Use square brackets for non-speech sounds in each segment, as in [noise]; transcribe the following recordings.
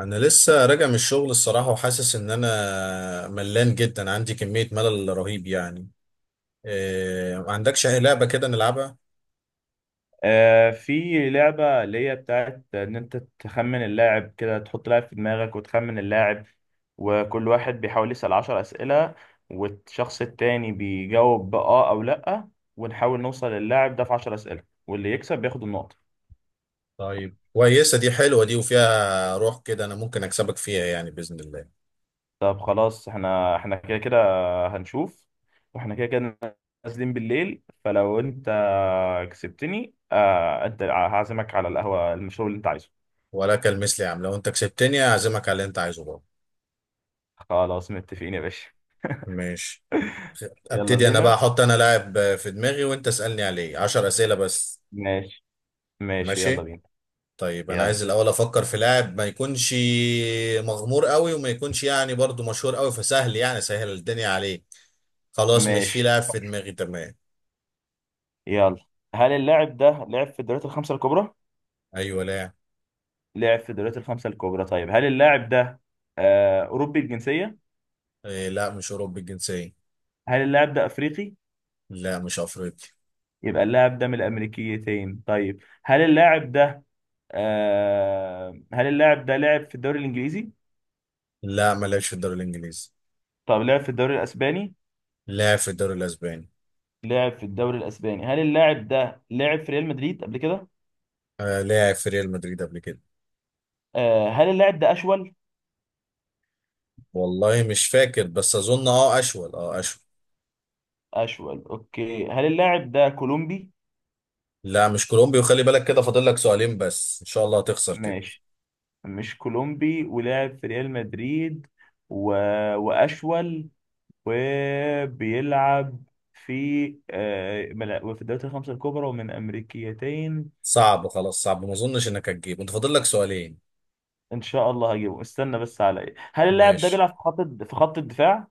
انا لسه راجع من الشغل الصراحه، وحاسس ان انا ملان جدا. عندي كميه ملل رهيب يعني. إيه، ما عندكش اي لعبه كده نلعبها؟ في لعبة اللي هي بتاعت إن أنت تخمن اللاعب كده، تحط لاعب في دماغك وتخمن اللاعب. وكل واحد بيحاول يسأل عشر أسئلة، والشخص التاني بيجاوب بآه أو لأ. ونحاول نوصل للاعب ده في عشر أسئلة، واللي يكسب بياخد النقطة. طيب كويسه دي، حلوه دي وفيها روح كده، انا ممكن اكسبك فيها يعني باذن الله. طب خلاص احنا كده كده. هنشوف. واحنا كده كده نازلين بالليل، فلو أنت كسبتني أنت هعزمك على القهوة، المشروب اللي أنت عايزه. ولا كالمثل يا عم، لو انت كسبتني اعزمك على اللي انت عايزه بقى. خلاص، متفقين يا باشا. ماشي. يلا ابتدي انا بقى، بينا. احط انا لاعب في دماغي وانت اسالني عليه عشر اسئله بس. ماشي. ماشي يلا ماشي بينا. طيب، انا يلا. عايز الاول افكر في لاعب ما يكونش مغمور قوي وما يكونش يعني برضو مشهور قوي، فسهل يعني سهل الدنيا عليه. خلاص، مش في ماشي. لاعب في دماغي، تمام. يلا. هل اللاعب ده لعب في الدوريات الخمسة الكبرى؟ ايوه، لاعب. لعب في الدوريات الخمسة الكبرى. طيب، هل اللاعب ده أوروبي الجنسية؟ إيه لا، مش اوروبي الجنسيه. هل اللاعب ده أفريقي؟ لا، مش افريقي. يبقى اللاعب ده من الأمريكيتين. طيب، هل اللاعب ده هل اللاعب ده لعب في الدوري الإنجليزي؟ لا، ما لعبش في الدوري الانجليزي. طب لعب في الدوري الأسباني؟ لاعب في الدوري الاسباني. لعب في الدوري الأسباني. هل اللاعب ده لعب في ريال مدريد قبل كده؟ آه، لاعب في ريال مدريد قبل كده. هل اللاعب ده أشول؟ والله مش فاكر، بس اظن اه اشول، اه اشول. أشول. أوكي، هل اللاعب ده كولومبي؟ لا مش كولومبي، وخلي بالك كده فاضل لك سؤالين بس، ان شاء الله هتخسر كده. ماشي. مش كولومبي ولعب في ريال مدريد و... وأشول وبيلعب في وفي الدوريات الخمسة الكبرى ومن أمريكيتين. صعب خلاص، صعب، ما اظنش انك هتجيب، انت فاضل لك سؤالين. إن شاء الله هجيبه. استنى بس، على إيه؟ هل اللاعب ده ماشي، بيلعب في في خط الدفاع؟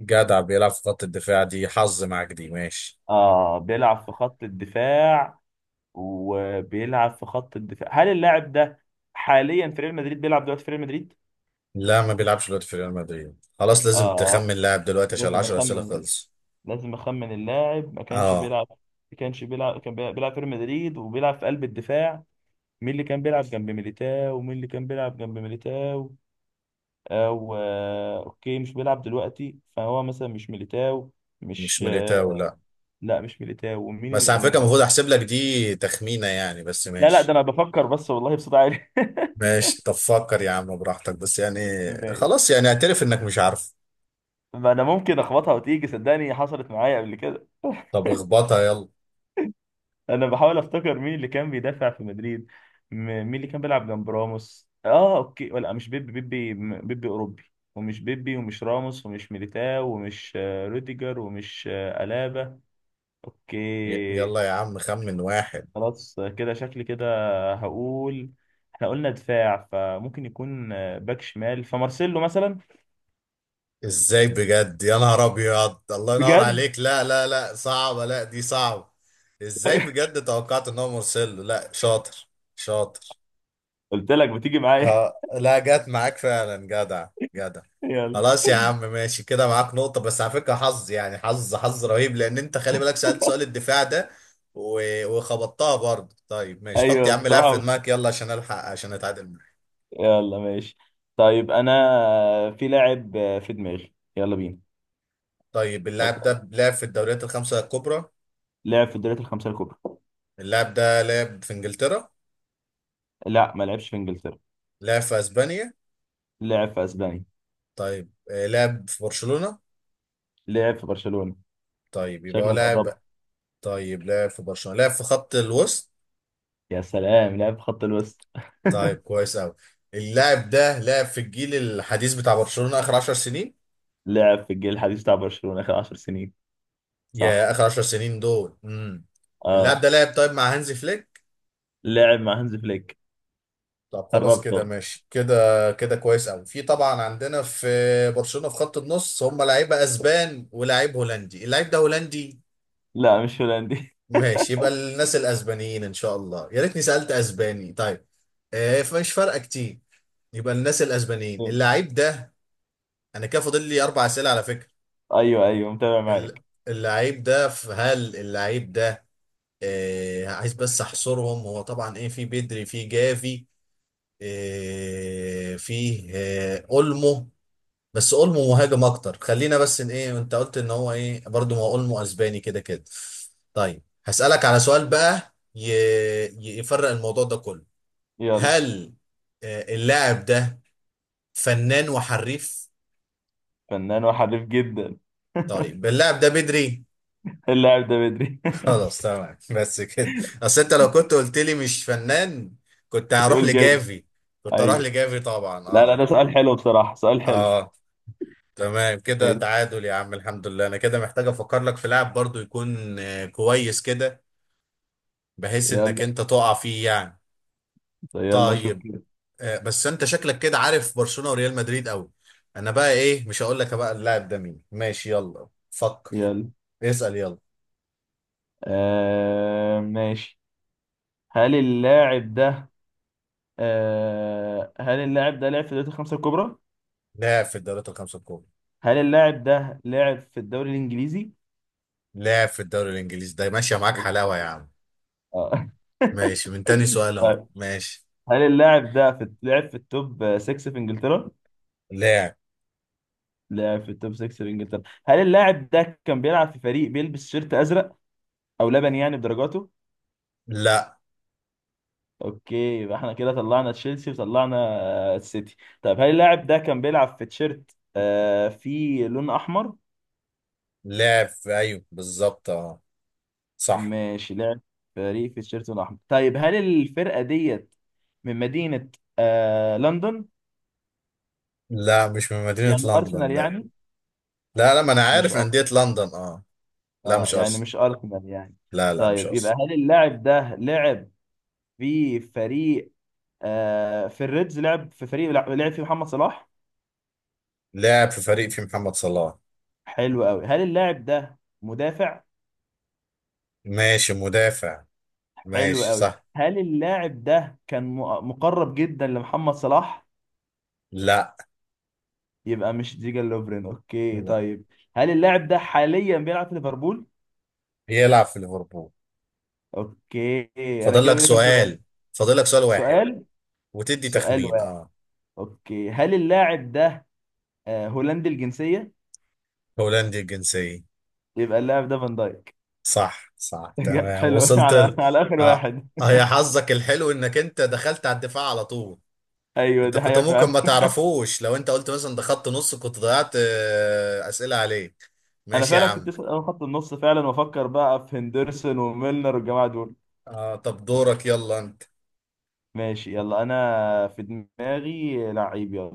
جدع، بيلعب في خط الدفاع، دي حظ معاك دي، ماشي. آه، بيلعب في خط الدفاع. وبيلعب في خط الدفاع. هل اللاعب ده حاليا في ريال مدريد، بيلعب دلوقتي في ريال مدريد؟ لا، ما بيلعبش دلوقتي في ريال مدريد. خلاص لازم آه. تخمن لاعب دلوقتي، عشان لازم العشر أسئلة أخمن. خلص. لازم اخمن. اللاعب ما كانش اه. بيلعب، ما كانش بيلعب، كان بيلعب في ريال مدريد وبيلعب في قلب الدفاع. مين اللي كان بيلعب جنب ميليتاو؟ ومين اللي كان بيلعب جنب ميليتاو؟ او اوكي، مش بيلعب دلوقتي، فهو مثلا مش ميليتاو. مش مش ميليتاو، آه، لا. لا مش ميليتاو. ومين بس اللي على فكرة، المفروض احسب لك دي تخمينة يعني، بس لا لا، ده ماشي. انا بفكر بس والله بصوت عالي. ماشي، طب فكر يا عم براحتك، بس يعني. خلاص [laughs] يعني، اعترف انك مش عارف. ما انا ممكن اخبطها وتيجي، صدقني حصلت معايا قبل كده. طب اخبطها يلا. انا بحاول افتكر مين اللي كان بيدافع في مدريد. م- مين اللي كان بيلعب جنب راموس؟ اه، اوكي، ولا مش بيبي اوروبي. ومش بيبي ومش راموس ومش ميليتاو ومش روديجر ومش الابا. اوكي. يلا يا عم، خمن واحد. خلاص، كده شكلي كده. هقول احنا قلنا دفاع، فممكن يكون باك شمال، فمارسيلو مثلا. ازاي بجد، يا نهار ابيض! الله ينور بجد. عليك. لا لا لا، صعبة، لا دي صعبة. ازاي [laughs] بجد توقعت ان هو مرسله؟ لا شاطر، شاطر. قلت لك بتيجي معايا. اه، لا جت معاك فعلا، جدع، جدع. [laughs] يلا. خلاص يا عم ماشي، كده معاك نقطة، بس على فكرة حظ يعني، حظ، حظ رهيب، لان انت خلي بالك سألت سؤال الدفاع ده، و- وخبطتها برضه. طيب ماشي، حط يا ايوه عم لاعب في بصراحة. دماغك، يلا عشان الحق، عشان اتعادل معاك. يلا. ماشي. طيب، انا في لاعب في دماغي، يلا بينا. طيب اللاعب ده لعب في الدوريات الخمسة الكبرى. لعب في الدوريات الخمسة الكبرى. اللاعب ده لعب في انجلترا. لا، ما لعبش في انجلترا. لعب في اسبانيا. لعب في اسبانيا. طيب لعب في برشلونة. لعب في برشلونة. طيب يبقى هو شكلك لاعب. قربت. طيب لعب في برشلونة، لعب في خط الوسط. يا سلام، لعب في خط الوسط. طيب [laughs] كويس قوي. اللاعب ده لعب في الجيل الحديث بتاع برشلونة اخر 10 سنين. لعب في الجيل الحديث بتاع برشلونة آخر 10 سنين. صح. يا اخر 10 سنين دول. اللاعب اه. ده لعب، طيب، مع هانزي فليك. لعب مع هانز فليك. طب خلاص قربت كده، أهو. ماشي كده كده، كويس قوي. في طبعا عندنا في برشلونة في خط النص، هم لعيبه اسبان ولاعيب هولندي. اللاعب ده هولندي؟ لا، مش هولندي. ماشي، يبقى الناس الاسبانيين، ان شاء الله، يا ريتني سالت اسباني طيب. فمش فارقه كتير. يبقى الناس الاسبانيين [laughs] اللعيب ده. انا كده فاضل لي اربع اسئله على فكره. ايوه ايوه، متابع ال- معاك. اللعيب ده، هل اللعيب ده، عايز بس احصرهم، هو طبعا ايه، في بدري، في جافي. فيه اولمو. بس اولمو مهاجم اكتر، خلينا بس ان ايه، انت قلت ان هو ايه برضو، ما هو اولمو اسباني كده كده. طيب هسألك على سؤال بقى، يفرق الموضوع ده كله. يلا. هل اللاعب ده فنان وحريف؟ فنان وحريف جدا. طيب اللاعب ده بدري؟ [laughs] اللاعب ده بدري. [laughs] خلاص تمام بس كده. اصل انت لو كنت قلت لي مش فنان، كنت [laughs] هروح هتقول جامد. لجافي. كنت هروح ايوه. لجافي طبعا، لا لا، اه. ده سؤال حلو بصراحة، سؤال حلو. اه تمام كده، ماشي. تعادل يا عم، الحمد لله. انا كده محتاج افكر لك في لاعب برضو يكون كويس كده. بحيث يلا. انك انت تقع فيه يعني. يلا شوف طيب كده. بس انت شكلك كده عارف برشلونة وريال مدريد قوي. انا بقى ايه، مش هقول لك بقى اللاعب ده مين. ماشي يلا فكر. يلا. اسأل يلا. آه ماشي. هل اللاعب ده هل اللاعب ده لعب في دوري الخمسة الكبرى؟ لاعب في الدوريات الخمسة الكبرى. هل اللاعب ده لعب في الدوري الإنجليزي؟ لاعب في الدوري الانجليزي، ده ماشية معاك أوه. حلاوة يا عم. آه. ماشي، من تاني [laughs] سؤال اهو طيب، ماشي. هل اللاعب ده في لعب في التوب 6 في إنجلترا؟ لاعب. لعب في التوب 6 في إنجلترا. هل اللاعب ده كان بيلعب في فريق بيلبس شيرت أزرق أو لبني يعني بدرجاته؟ لا أوكي. يبقى احنا كده طلعنا تشيلسي وطلعنا السيتي. طيب، هل اللاعب ده كان بيلعب في تيشيرت فيه لون أحمر؟ لاعب في، ايوه بالظبط، اه، صح. ماشي. لعب فريق في التيشيرت الأحمر. طيب، هل الفرقة ديت من مدينة لندن؟ لا مش من مدينة يعني أرسنال لندن، لا. يعني. لا لا، ما انا مش عارف أر... أندية لندن، اه. لا آه مش يعني ارسنال. مش أرسنال يعني. لا لا مش طيب، يبقى ارسنال. هل اللاعب ده لعب في فريق في الريدز، لعب في فريق لعب فيه محمد صلاح. لاعب في فريق في محمد صلاح. حلو قوي. هل اللاعب ده مدافع؟ ماشي مدافع، حلو ماشي قوي. صح. هل اللاعب ده كان مقرب جدا لمحمد صلاح؟ لا. يبقى مش ديجا لوفرين. اوكي لا، طيب، هل اللاعب ده حاليا بيلعب في ليفربول؟ بيلعب في ليفربول. اوكي. انا فاضل كده لك بقى لي كام سؤال؟ سؤال. فاضل لك سؤال واحد. سؤال. وتدي سؤال تخمين، واحد. اه. اوكي، هل اللاعب ده هولندي الجنسية؟ هولندي الجنسية. يبقى اللاعب ده فان دايك. صح صح [laughs] تمام، حلو، وصلت على على اخر اه. واحد. يا حظك الحلو انك انت دخلت على الدفاع على طول. ايوه انت دي كنت حقيقة ممكن فعلا. ما تعرفوش، لو انت قلت مثلا ده خط نص كنت ضيعت اسئلة عليك. انا ماشي يا فعلا كنت عم. اسال اول خط النص فعلا، وافكر بقى في هندرسون وميلنر والجماعة دول. اه، طب دورك يلا انت. ماشي يلا. انا في دماغي لعيب، يلا.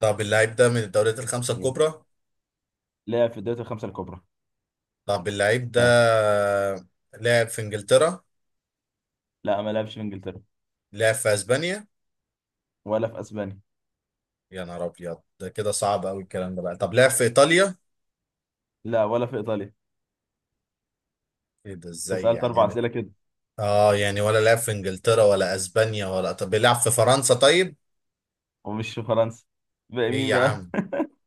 طب اللعيب ده من الدوريات الخمسة اسألني. الكبرى. لاعب في الدوري الخمسة الكبرى. طب اللعيب ده ها. لعب في انجلترا. لا، ما لعبش في انجلترا. لعب في اسبانيا. ولا في اسبانيا. يا نهار ابيض، ده كده صعب قوي الكلام ده بقى. طب لعب في ايطاليا. لا، ولا في ايطاليا. ايه ده، ازاي فسألت اربع يعني. اسئلة كده. اه يعني، ولا لعب في انجلترا ولا اسبانيا، ولا، طب بيلعب في فرنسا طيب. ومش في فرنسا. بقى ايه مين يا بقى؟ عم،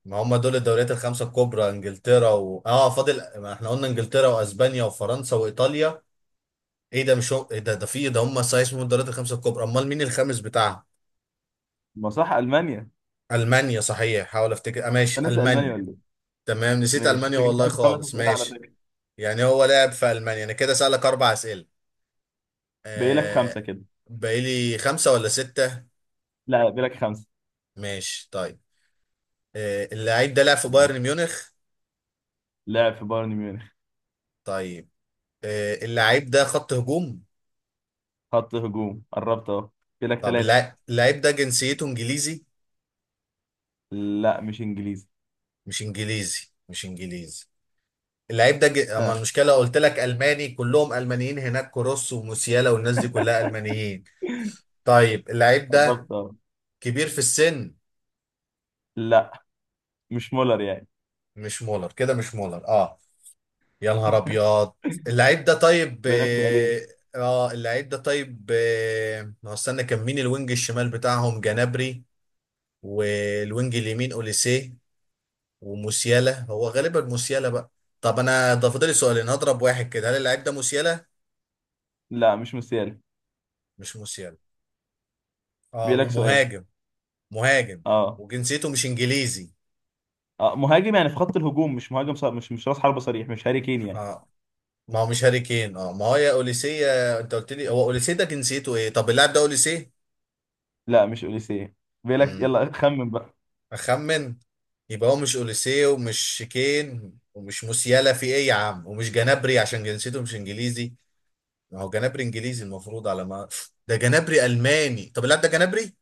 ما هم دول الدوريات الخمسة الكبرى، انجلترا و... اه فاضل، ما احنا قلنا انجلترا واسبانيا وفرنسا وايطاليا. ايه ده، مش هم... ايه ده، في ده، هم صحيح اسمهم الدوريات الخمسة الكبرى؟ امال مين الخامس بتاعها؟ ما صح، المانيا. المانيا صحيح، حاول افتكر، ماشي انا ناسي المانيا المانيا. ولا ايه؟ تمام نسيت ماشي، ألمانيا انت كده والله سالت خمس خالص، اسئله على ماشي. فكره. يعني هو لعب في ألمانيا. أنا كده سألك أربع أسئلة، باقي لك خمسه آه. كده. باقيلي خمسة ولا ستة؟ لا، باقي لك خمسه. ماشي طيب. اللعيب ده لعب في بايرن ميونخ؟ لعب في بايرن ميونخ. طيب اللعيب ده خط هجوم؟ خط هجوم، قربت اهو. باقي لك طب ثلاثه. اللعيب ده جنسيته إنجليزي؟ لا، مش انجليزي. مش إنجليزي، مش إنجليزي. اللعيب ده أما ها. المشكلة قلت لك ألماني، كلهم ألمانيين هناك، كروس وموسيالا والناس دي كلها ألمانيين. طيب اللعيب ده قربت اهو. كبير في السن؟ لا، مش مولر يعني. مش مولر كده، مش مولر، اه. يا نهار ابيض. اللعيب ده طيب، باقي لك سؤالين. اه، اللعيب ده طيب، اه، ما هو استنى كان مين الوينج الشمال بتاعهم؟ جنابري. والوينج اليمين اوليسيه. وموسيالا، هو غالبا موسيالا بقى. طب انا ده فاضل لي سؤالين، هضرب واحد كده. هل اللعيب ده موسيالا؟ لا، مش موسيالا. مش موسيالا، اه، باقي لك سؤال. ومهاجم. مهاجم اه. وجنسيته مش انجليزي. اه مهاجم يعني، في خط الهجوم مش مهاجم صار، مش راس حربة صريح، مش هاري كين يعني. اه، ما هو مش هاري كين، اه، ما هو يا اوليسيه. انت قلت لي هو اوليسيه، ده جنسيته ايه. طب اللاعب ده اوليسيه؟ لا، مش اوليسيه. باقي لك، يلا خمن بقى. اخمن. يبقى هو مش اوليسيه ومش شيكين ومش موسيالا، في ايه يا عم، ومش جنابري عشان جنسيته مش انجليزي. ما هو جنابري انجليزي المفروض، على ما ده جنابري الماني. طب لا ده جنابري.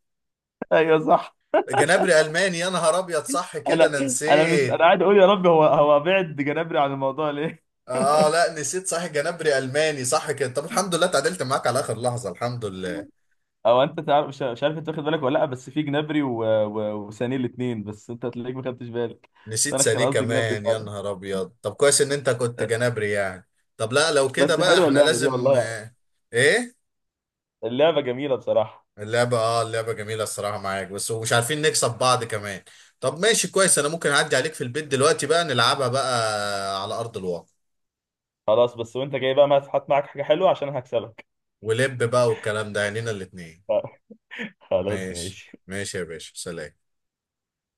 [laughs] ايوه صح. جنابري الماني، يا نهار ابيض، صح كده، انا انا انا مش انا نسيت. قاعد اقول يا رب، هو بعد جنابري عن الموضوع ليه. اه لا، نسيت صح، جنابري الماني صح كده. طب الحمد لله اتعدلت معاك على اخر لحظه، الحمد لله. او انت تعرف، مش عارف انت واخد بالك ولا لا؟ بس في جنابري وسانيه الاثنين بس، انت هتلاقيك ما خدتش بالك. بس نسيت انا كان سانيه قصدي جنابري كمان، يا فعلا. نهار ابيض. طب كويس ان انت كنت جنابري يعني. طب لا لو كده بس بقى، حلوه احنا اللعبه دي لازم، والله. ايه. اللعبه جميله بصراحه. اللعبة، اه، اللعبة جميلة، الصراحة معاك، بس ومش عارفين نكسب بعض كمان. طب ماشي كويس، انا ممكن اعدي عليك في البيت دلوقتي بقى، نلعبها بقى على ارض الواقع. خلاص، بس وانت جاي بقى ما هات معاك حاجه حلوه عشان هكسبك. ولب بقى، والكلام ده عينينا الاتنين. [laughs] خلاص ماشي ماشي. ماشي يا باشا، سلام.